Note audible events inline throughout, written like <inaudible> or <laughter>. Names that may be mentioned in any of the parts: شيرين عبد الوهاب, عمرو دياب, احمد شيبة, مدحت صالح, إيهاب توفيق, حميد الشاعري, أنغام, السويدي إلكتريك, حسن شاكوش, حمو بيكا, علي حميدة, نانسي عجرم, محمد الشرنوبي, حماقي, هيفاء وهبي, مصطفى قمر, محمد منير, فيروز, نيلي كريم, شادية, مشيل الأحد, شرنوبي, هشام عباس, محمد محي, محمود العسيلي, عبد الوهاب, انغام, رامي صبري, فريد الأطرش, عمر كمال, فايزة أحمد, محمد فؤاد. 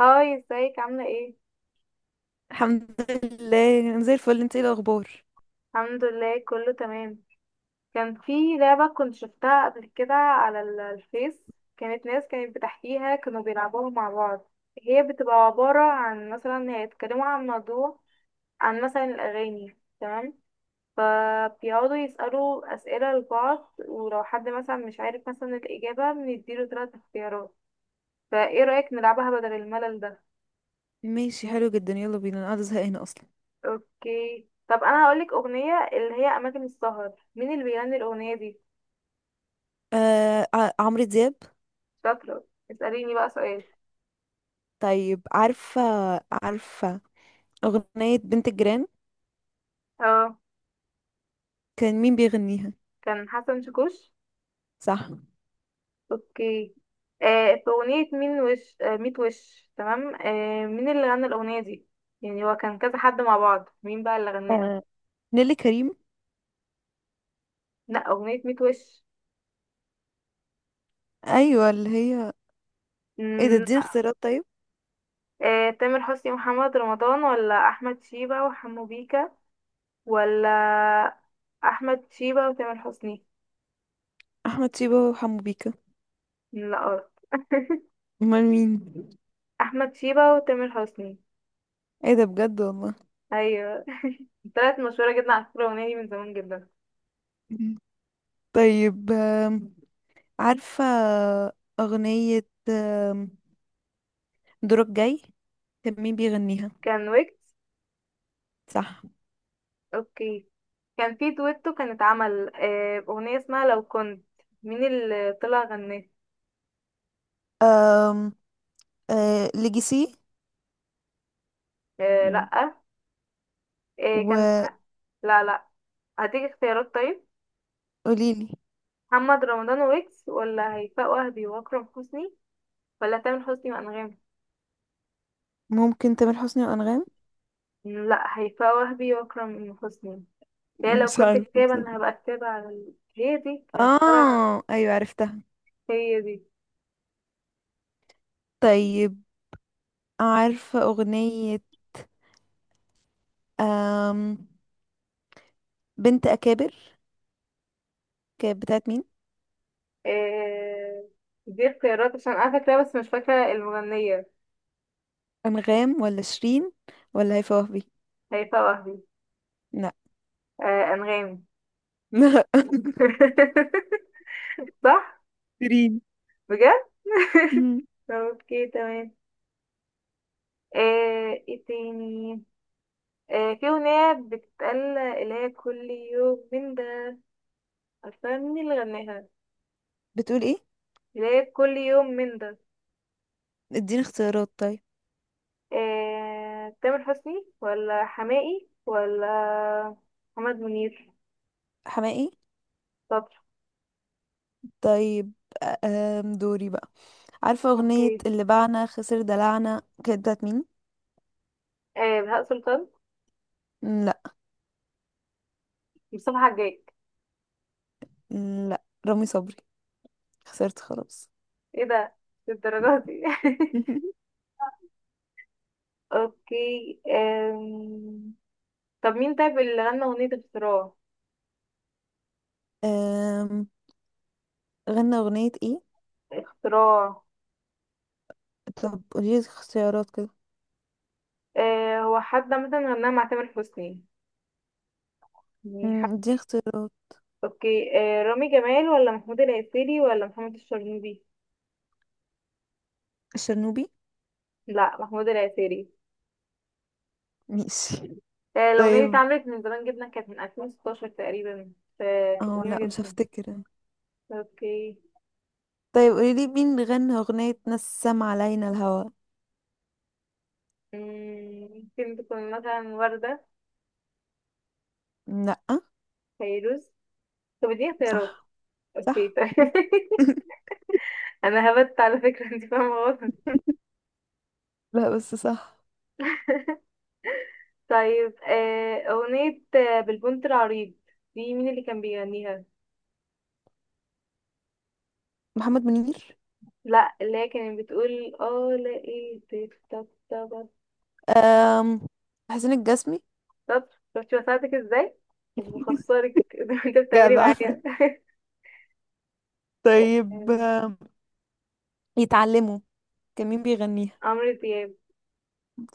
هاي، ازيك؟ عاملة ايه؟ الحمد لله، انا زي الفل. انت ايه الاخبار؟ الحمد لله كله تمام. كان في لعبة كنت شفتها قبل كده على الفيس. كانت ناس كانت بتحكيها، كانوا بيلعبوها مع بعض. هي بتبقى عبارة عن مثلا هيتكلموا عن موضوع، عن مثلا الأغاني، تمام؟ فبيقعدوا يسألوا أسئلة لبعض، ولو حد مثلا مش عارف مثلا الإجابة بنديله تلات اختيارات. فايه رأيك نلعبها بدل الملل ده؟ ماشي، حلو جدا، يلا بينا، انا قاعده زهقانه اصلا. اوكي، طب انا هقولك أغنية اللي هي أماكن السهر، مين اللي بيغني الأغنية دي؟ آه، عمرو دياب. شاطرة. اسأليني بقى سؤال. طيب، عارفه اغنيه بنت الجيران، اه، كان مين بيغنيها؟ كان حسن شاكوش. صح. اوكي. في أغنية مين وش، ميت وش، تمام، مين اللي غنى الأغنية دي؟ يعني هو كان كذا حد مع بعض، مين بقى اللي غناها؟ آه، نيلي كريم. لا، أغنية ميت وش. ايوه اللي هي. ايه ده؟ مم، اديني اختيارات طيب. آه، تامر حسني ومحمد رمضان، ولا أحمد شيبة وحمو بيكا، ولا أحمد شيبة وتامر حسني؟ احمد شيبة وحمو بيكا. لا، غلط <laughs> امال مين؟ أحمد شيبة وتامر حسني. ايه ده؟ بجد والله. أيوة. طلعت مشهورة جدا على فكرة الأغنية دي، من زمان جدا. مم. طيب، عارفه اغنيه دورك جاي، كان مين بيغنيها؟ كان ويجز. صح. اوكي. كان في دويتو كان اتعمل اغنية اسمها لو كنت، مين اللي طلع غناه؟ آه، ليجاسي. لأ. كان. لا لا. هديك اختيارات طيب. وقوليلي. محمد رمضان ويكس، ولا هيفاء وهبي واكرم حسني، ولا تامر حسني وانغام؟ ممكن تامر حسني وأنغام. لا، هيفاء وهبي واكرم حسني. هي لو مش كنت عارفة كتابة بصراحة. انا هبقى كتابة على هي دي كانت طالعة. اه، ايوه عرفتها. هي دي. طيب، عارفة أغنية، أم بنت أكابر، كانت بتاعت مين؟ آه، دي اختيارات عشان انا فاكرة بس مش فاكرة المغنية. أنغام ولا شيرين؟ ولا هيفاء وهبي؟ هيفاء وهبي. لا. انغام. <laughs> لا. <laughs> صح. شيرين. بجد مم. <laughs> اوكي تمام. ايه تاني؟ في اغنية بتتقال اللي هي كل يوم من ده، عارفة مين اللي غناها؟ بتقول ايه؟ اللي هي كل يوم من ده. اديني اختيارات طيب. تامر حسني ولا حماقي ولا محمد منير؟ حماقي. شاطر. طيب، دوري بقى. عارفة أغنية اوكي اللي باعنا خسر دلعنا، كانت بتاعت مين؟ آه، بهاء سلطان لا. مصطفى حجاج لا، رامي صبري. خسرت خلاص. ايه ده للدرجة دي <laughs> <laughs> اوكي. طب مين طيب اللي غنى اغنية اختراع؟ أم... غنى أغنية ايه؟ اختراع. طب قولي اختيارات كده. هو حد مثلا غناها مع تامر حسني، يعني حد. دي اختيارات. اوكي، آه، رامي جمال ولا محمود العسيلي ولا محمد الشرنوبي؟ شرنوبي. لا، محمود العسيلي. ماشي. آه، <laughs> الأغنية دي طيب، اتعملت من زمان جدا، كانت من 2016 تقريبا، فكانت اه قديمة لا مش جدا. هفتكر. اوكي. طيب قولي لي مين غنى أغنية نسم علينا الهوى؟ مم، ممكن تكون مثلا وردة. لا. فيروز. طب دي اختيارات. صح. اوكي صح. طيب <laughs> <laughs> انا هبت على فكرة، انت فاهمة غلط. لا بس صح. طيب، أغنية بالبنت العريض، دي مين اللي كان بيغنيها؟ محمد منير. لا، اللي هي كانت بتقول اه لقيتك، طب طب أم... حسين الجسمي. طب. شفتي بساعدك ازاي؟ مش بخسرك <laughs> زي ما انت بتعملي جدع. معايا. <laughs> طيب، <laughs> يتعلموا، كان مين بيغنيها؟ عمرو دياب.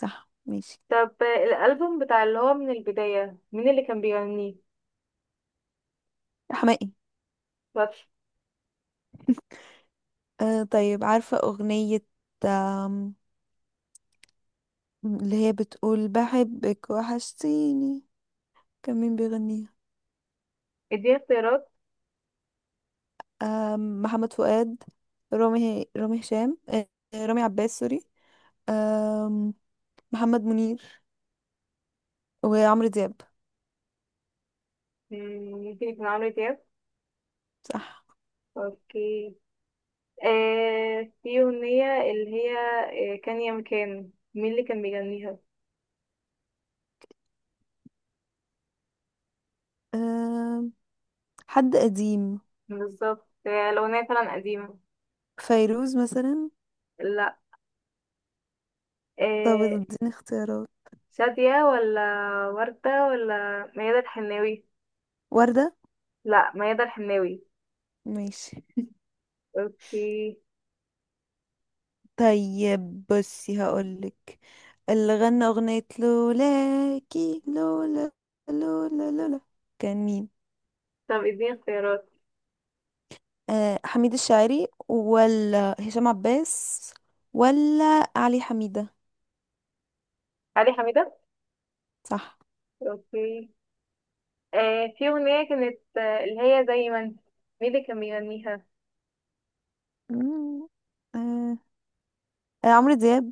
صح، ماشي. طب الألبوم بتاع اللي هو من البداية، مين اللي كان بيغنيه؟ حماقي. بس. طيب، عارفة أغنية آم، اللي هي بتقول بحبك وحشتيني، كان مين بيغنيها؟ اديني اختيارات. محمد فؤاد، رامي هشام، رامي عباس سوري، آم، محمد منير، وعمرو دياب. ممكن يكون عمرو دياب. صح. اوكي. في أغنية اللي هي كان يا مكان، مين اللي كان بيغنيها؟ آم، حد قديم. بالظبط، الأغنية فعلا قديمة. فيروز مثلا. لا. طب آه، اديني اختيارات. شادية ولا وردة ولا ميادة الحناوي؟ وردة. لا، ميادة الحناوي. ماشي. اوكي. طيب، بصي هقولك، اللي غنى أغنية لولاكي لولا لولا لولا، كان مين؟ طب اديني اختيارات. آه، حميد الشاعري ولا هشام عباس ولا علي حميدة؟ علي حميدة. صح. اوكي. في اغنية كانت، اللي هي زي ما انت، مين اللي كان بيغنيها؟ مم. آه. عمرو دياب.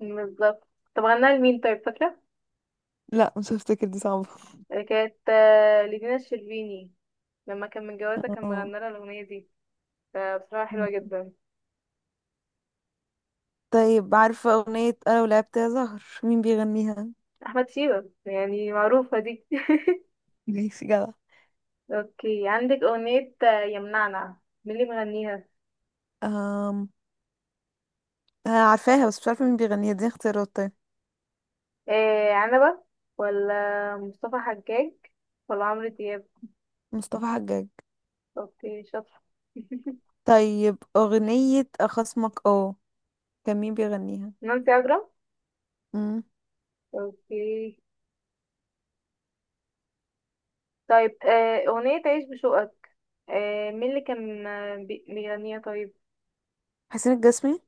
بالظبط. طب غناها لمين طيب، فاكرة؟ لا مش هفتكر، دي صعبة. كانت لدينا الشربيني، لما كان متجوزها كان اه. مغنى لها الأغنية دي، فبصراحة حلوة مم. جدا. طيب، عارفة أغنية أنا ولعبت يا زهر، مين بيغنيها؟ أحمد شيبة، يعني معروفة دي <laughs> ماشي، جدع. اوكي، عندك أغنية يمنعنا، مين اللي مغنيها؟ أم... آه، عارفاها بس مش عارفة مين بيغنيها. دي اختيارات طيب. إيه عنبة، ولا مصطفى حجاج، ولا عمرو دياب؟ مصطفى حجاج. اوكي شاطر <laughs> طيب، أغنية أخصمك، كان مين بيغنيها؟ نانسي عجرم. مم. اوكي. طيب أغنية عيش بشوقك، مين اللي كان بيغنيها طيب؟ حسين الجسمي.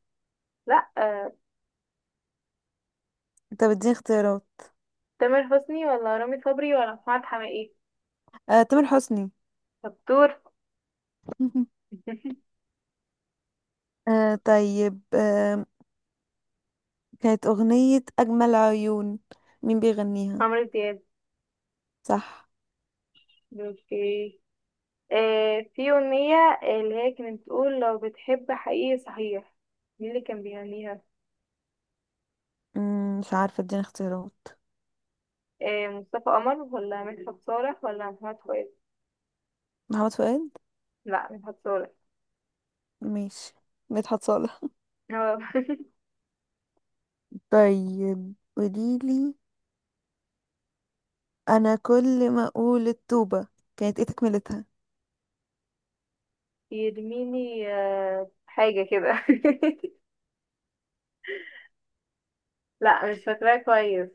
لا. انت بتديني اختيارات؟ تامر حسني، ولا رامي صبري، ولا محمد حماقي؟ تامر حسني. شطور <laughs> <laughs> طيب، كانت أغنية أجمل عيون، مين بيغنيها؟ عمرو دياب. صح. اوكي. في أغنية اللي هي كانت بتقول لو بتحب حقيقي صحيح، مين اللي كان بيغنيها؟ مش عارفة، اديني اختيارات. إيه، مصطفى قمر ولا مدحت صالح ولا محمد فؤاد؟ محمد فؤاد. لا، مدحت صالح. ماشي، مدحت صالح. هو. طيب قوليلي، أنا كل ما أقول التوبة كانت ايه تكملتها؟ <laughs> يرميني حاجة كده <laughs> لا مش فاكراه كويس.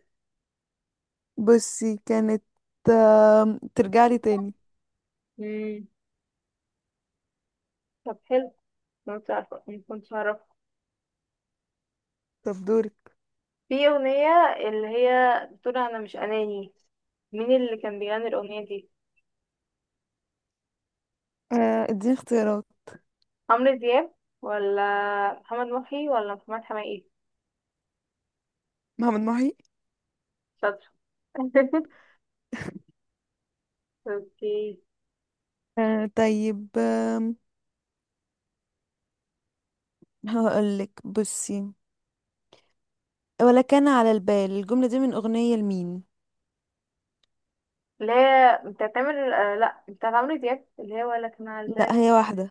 بصي كانت ترجعلي تاني. مم. طب حلو، ما كنتش عارفة، ما كنتش أعرفه. طب دورك. في أغنية اللي هي بتقول أنا مش أناني، مين اللي كان بيغني الأغنية دي؟ اديني اختيارات. عمرو دياب، ولا محمد محي، ولا محمد حماقي؟ محمد محي. شاطر <laughs> اوكي. طيب، هقولك بصي. ولا كان على البال، الجملة دي من أغنية لمين؟ اللي هي بتاعت عمرو، لا بتاعت عمرو دياب، اللي هي ولا كان على لا، البال. هي واحدة.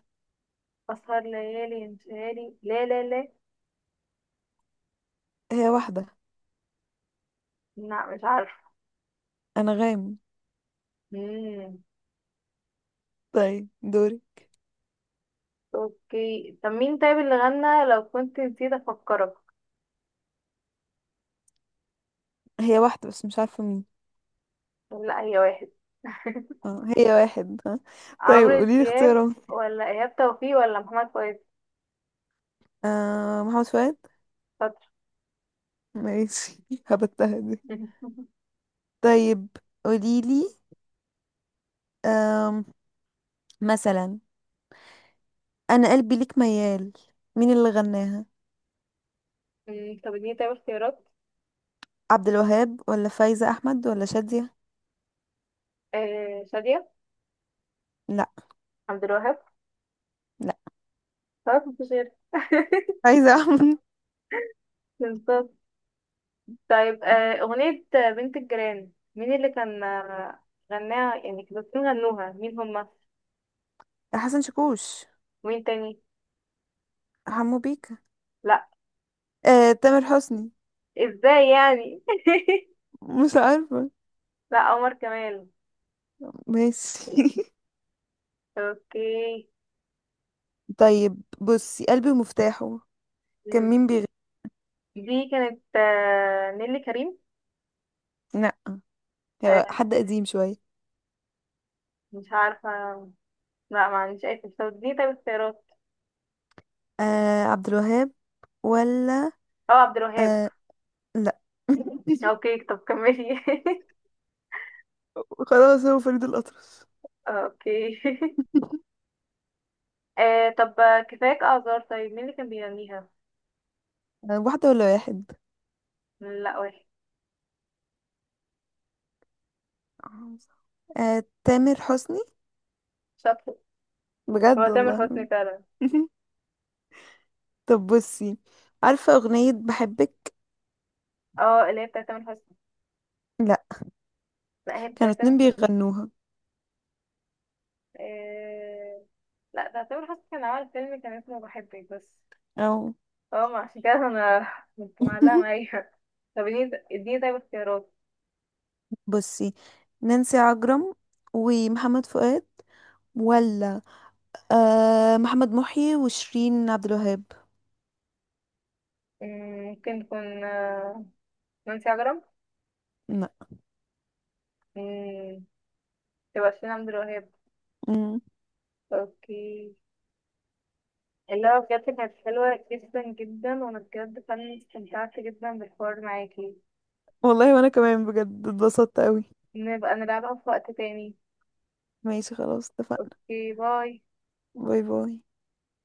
أسهر ليالي انتهالي، لا لا لا. هي واحدة. لا مش عارفة. أنغام. مم. طيب دوري. اوكي. طب مين طيب اللي غنى لو كنت نسيت أفكرك؟ هي واحدة بس مش عارفة مين. لا، هي واحد. اه، هي واحد، ها. طيب عمرو قوليلي دياب، اختيارات. ولا إيهاب توفيق، ولا محمد فؤاد؟ محمد فؤاد. شاطر ماشي. <laughs> هبتها دي. <laughs> طيب قوليلي آم، مثلا أنا قلبي ليك ميال، مين اللي غناها؟ طب اديني طيب اختيارات. عبد الوهاب ولا فايزة أحمد ولا شادية؟ آه، شادية. لا. عبد الوهاب. لا. خلاص مفيش غير <laughs> عايزة <laughs> أعمل. بالظبط. طيب، أغنية بنت الجيران، مين اللي كان غناها؟ يعني كانوا الاتنين غنوها، مين هما؟ حسن شاكوش. ومين تاني؟ حمو بيكا. لا. تامر حسني. ازاي يعني؟ <laughs> مش عارفة. لا، عمر كمال. ماشي. اوكي. <laughs> طيب بصي، قلبي ومفتاحه، كان مم. مين بيغني؟ دي كانت نيلي كريم. لا. آه، هو حد قديم شوية. مش عارفة. لا ما عنديش اي فكرة، دي طيب اختيارات. عبد الوهاب، ولا. اه، عبد الوهاب. آه، لا. <laughs> اوكي طب كملي. خلاص، هو فريد الأطرش. <laughs> اوكي <laughs> طب، كفاية اعذار. طيب مين اللي كان بيغنيها؟ واحدة ولا واحد؟ لا، واحد. تامر حسني. شاطر. هو بجد تامر والله. حسني فعلا. <laughs> طب بصي، عارفة أغنية بحبك. اه، اللي هي بتاعت تامر حسني. لا. لا هي كانوا بتاعت تامر اتنين حسني. بيغنوها. آه، لا، ده تامر حسني كان عمل فيلم كان اسمه بحبك بس. أو. اه ما عشان كده انا كنت معلقة <laughs> معايا. طب اديني طيب اختيارات. بصي، نانسي عجرم ومحمد فؤاد، ولا محمد محي وشيرين عبد الوهاب؟ مم، ممكن تكون نانسي عجرم. لا. مم، تبقى شيرين عبد الوهاب. مم. اوكي. اللي هو بجد كانت حلوة جدا جدا، وانا بجد فعلا استمتعت جدا بالحوار معاكي. والله، وانا كمان بجد اتبسطت قوي. نبقى نلعبها في وقت تاني. ماشي، خلاص اتفقنا. اوكي، باي. باي باي.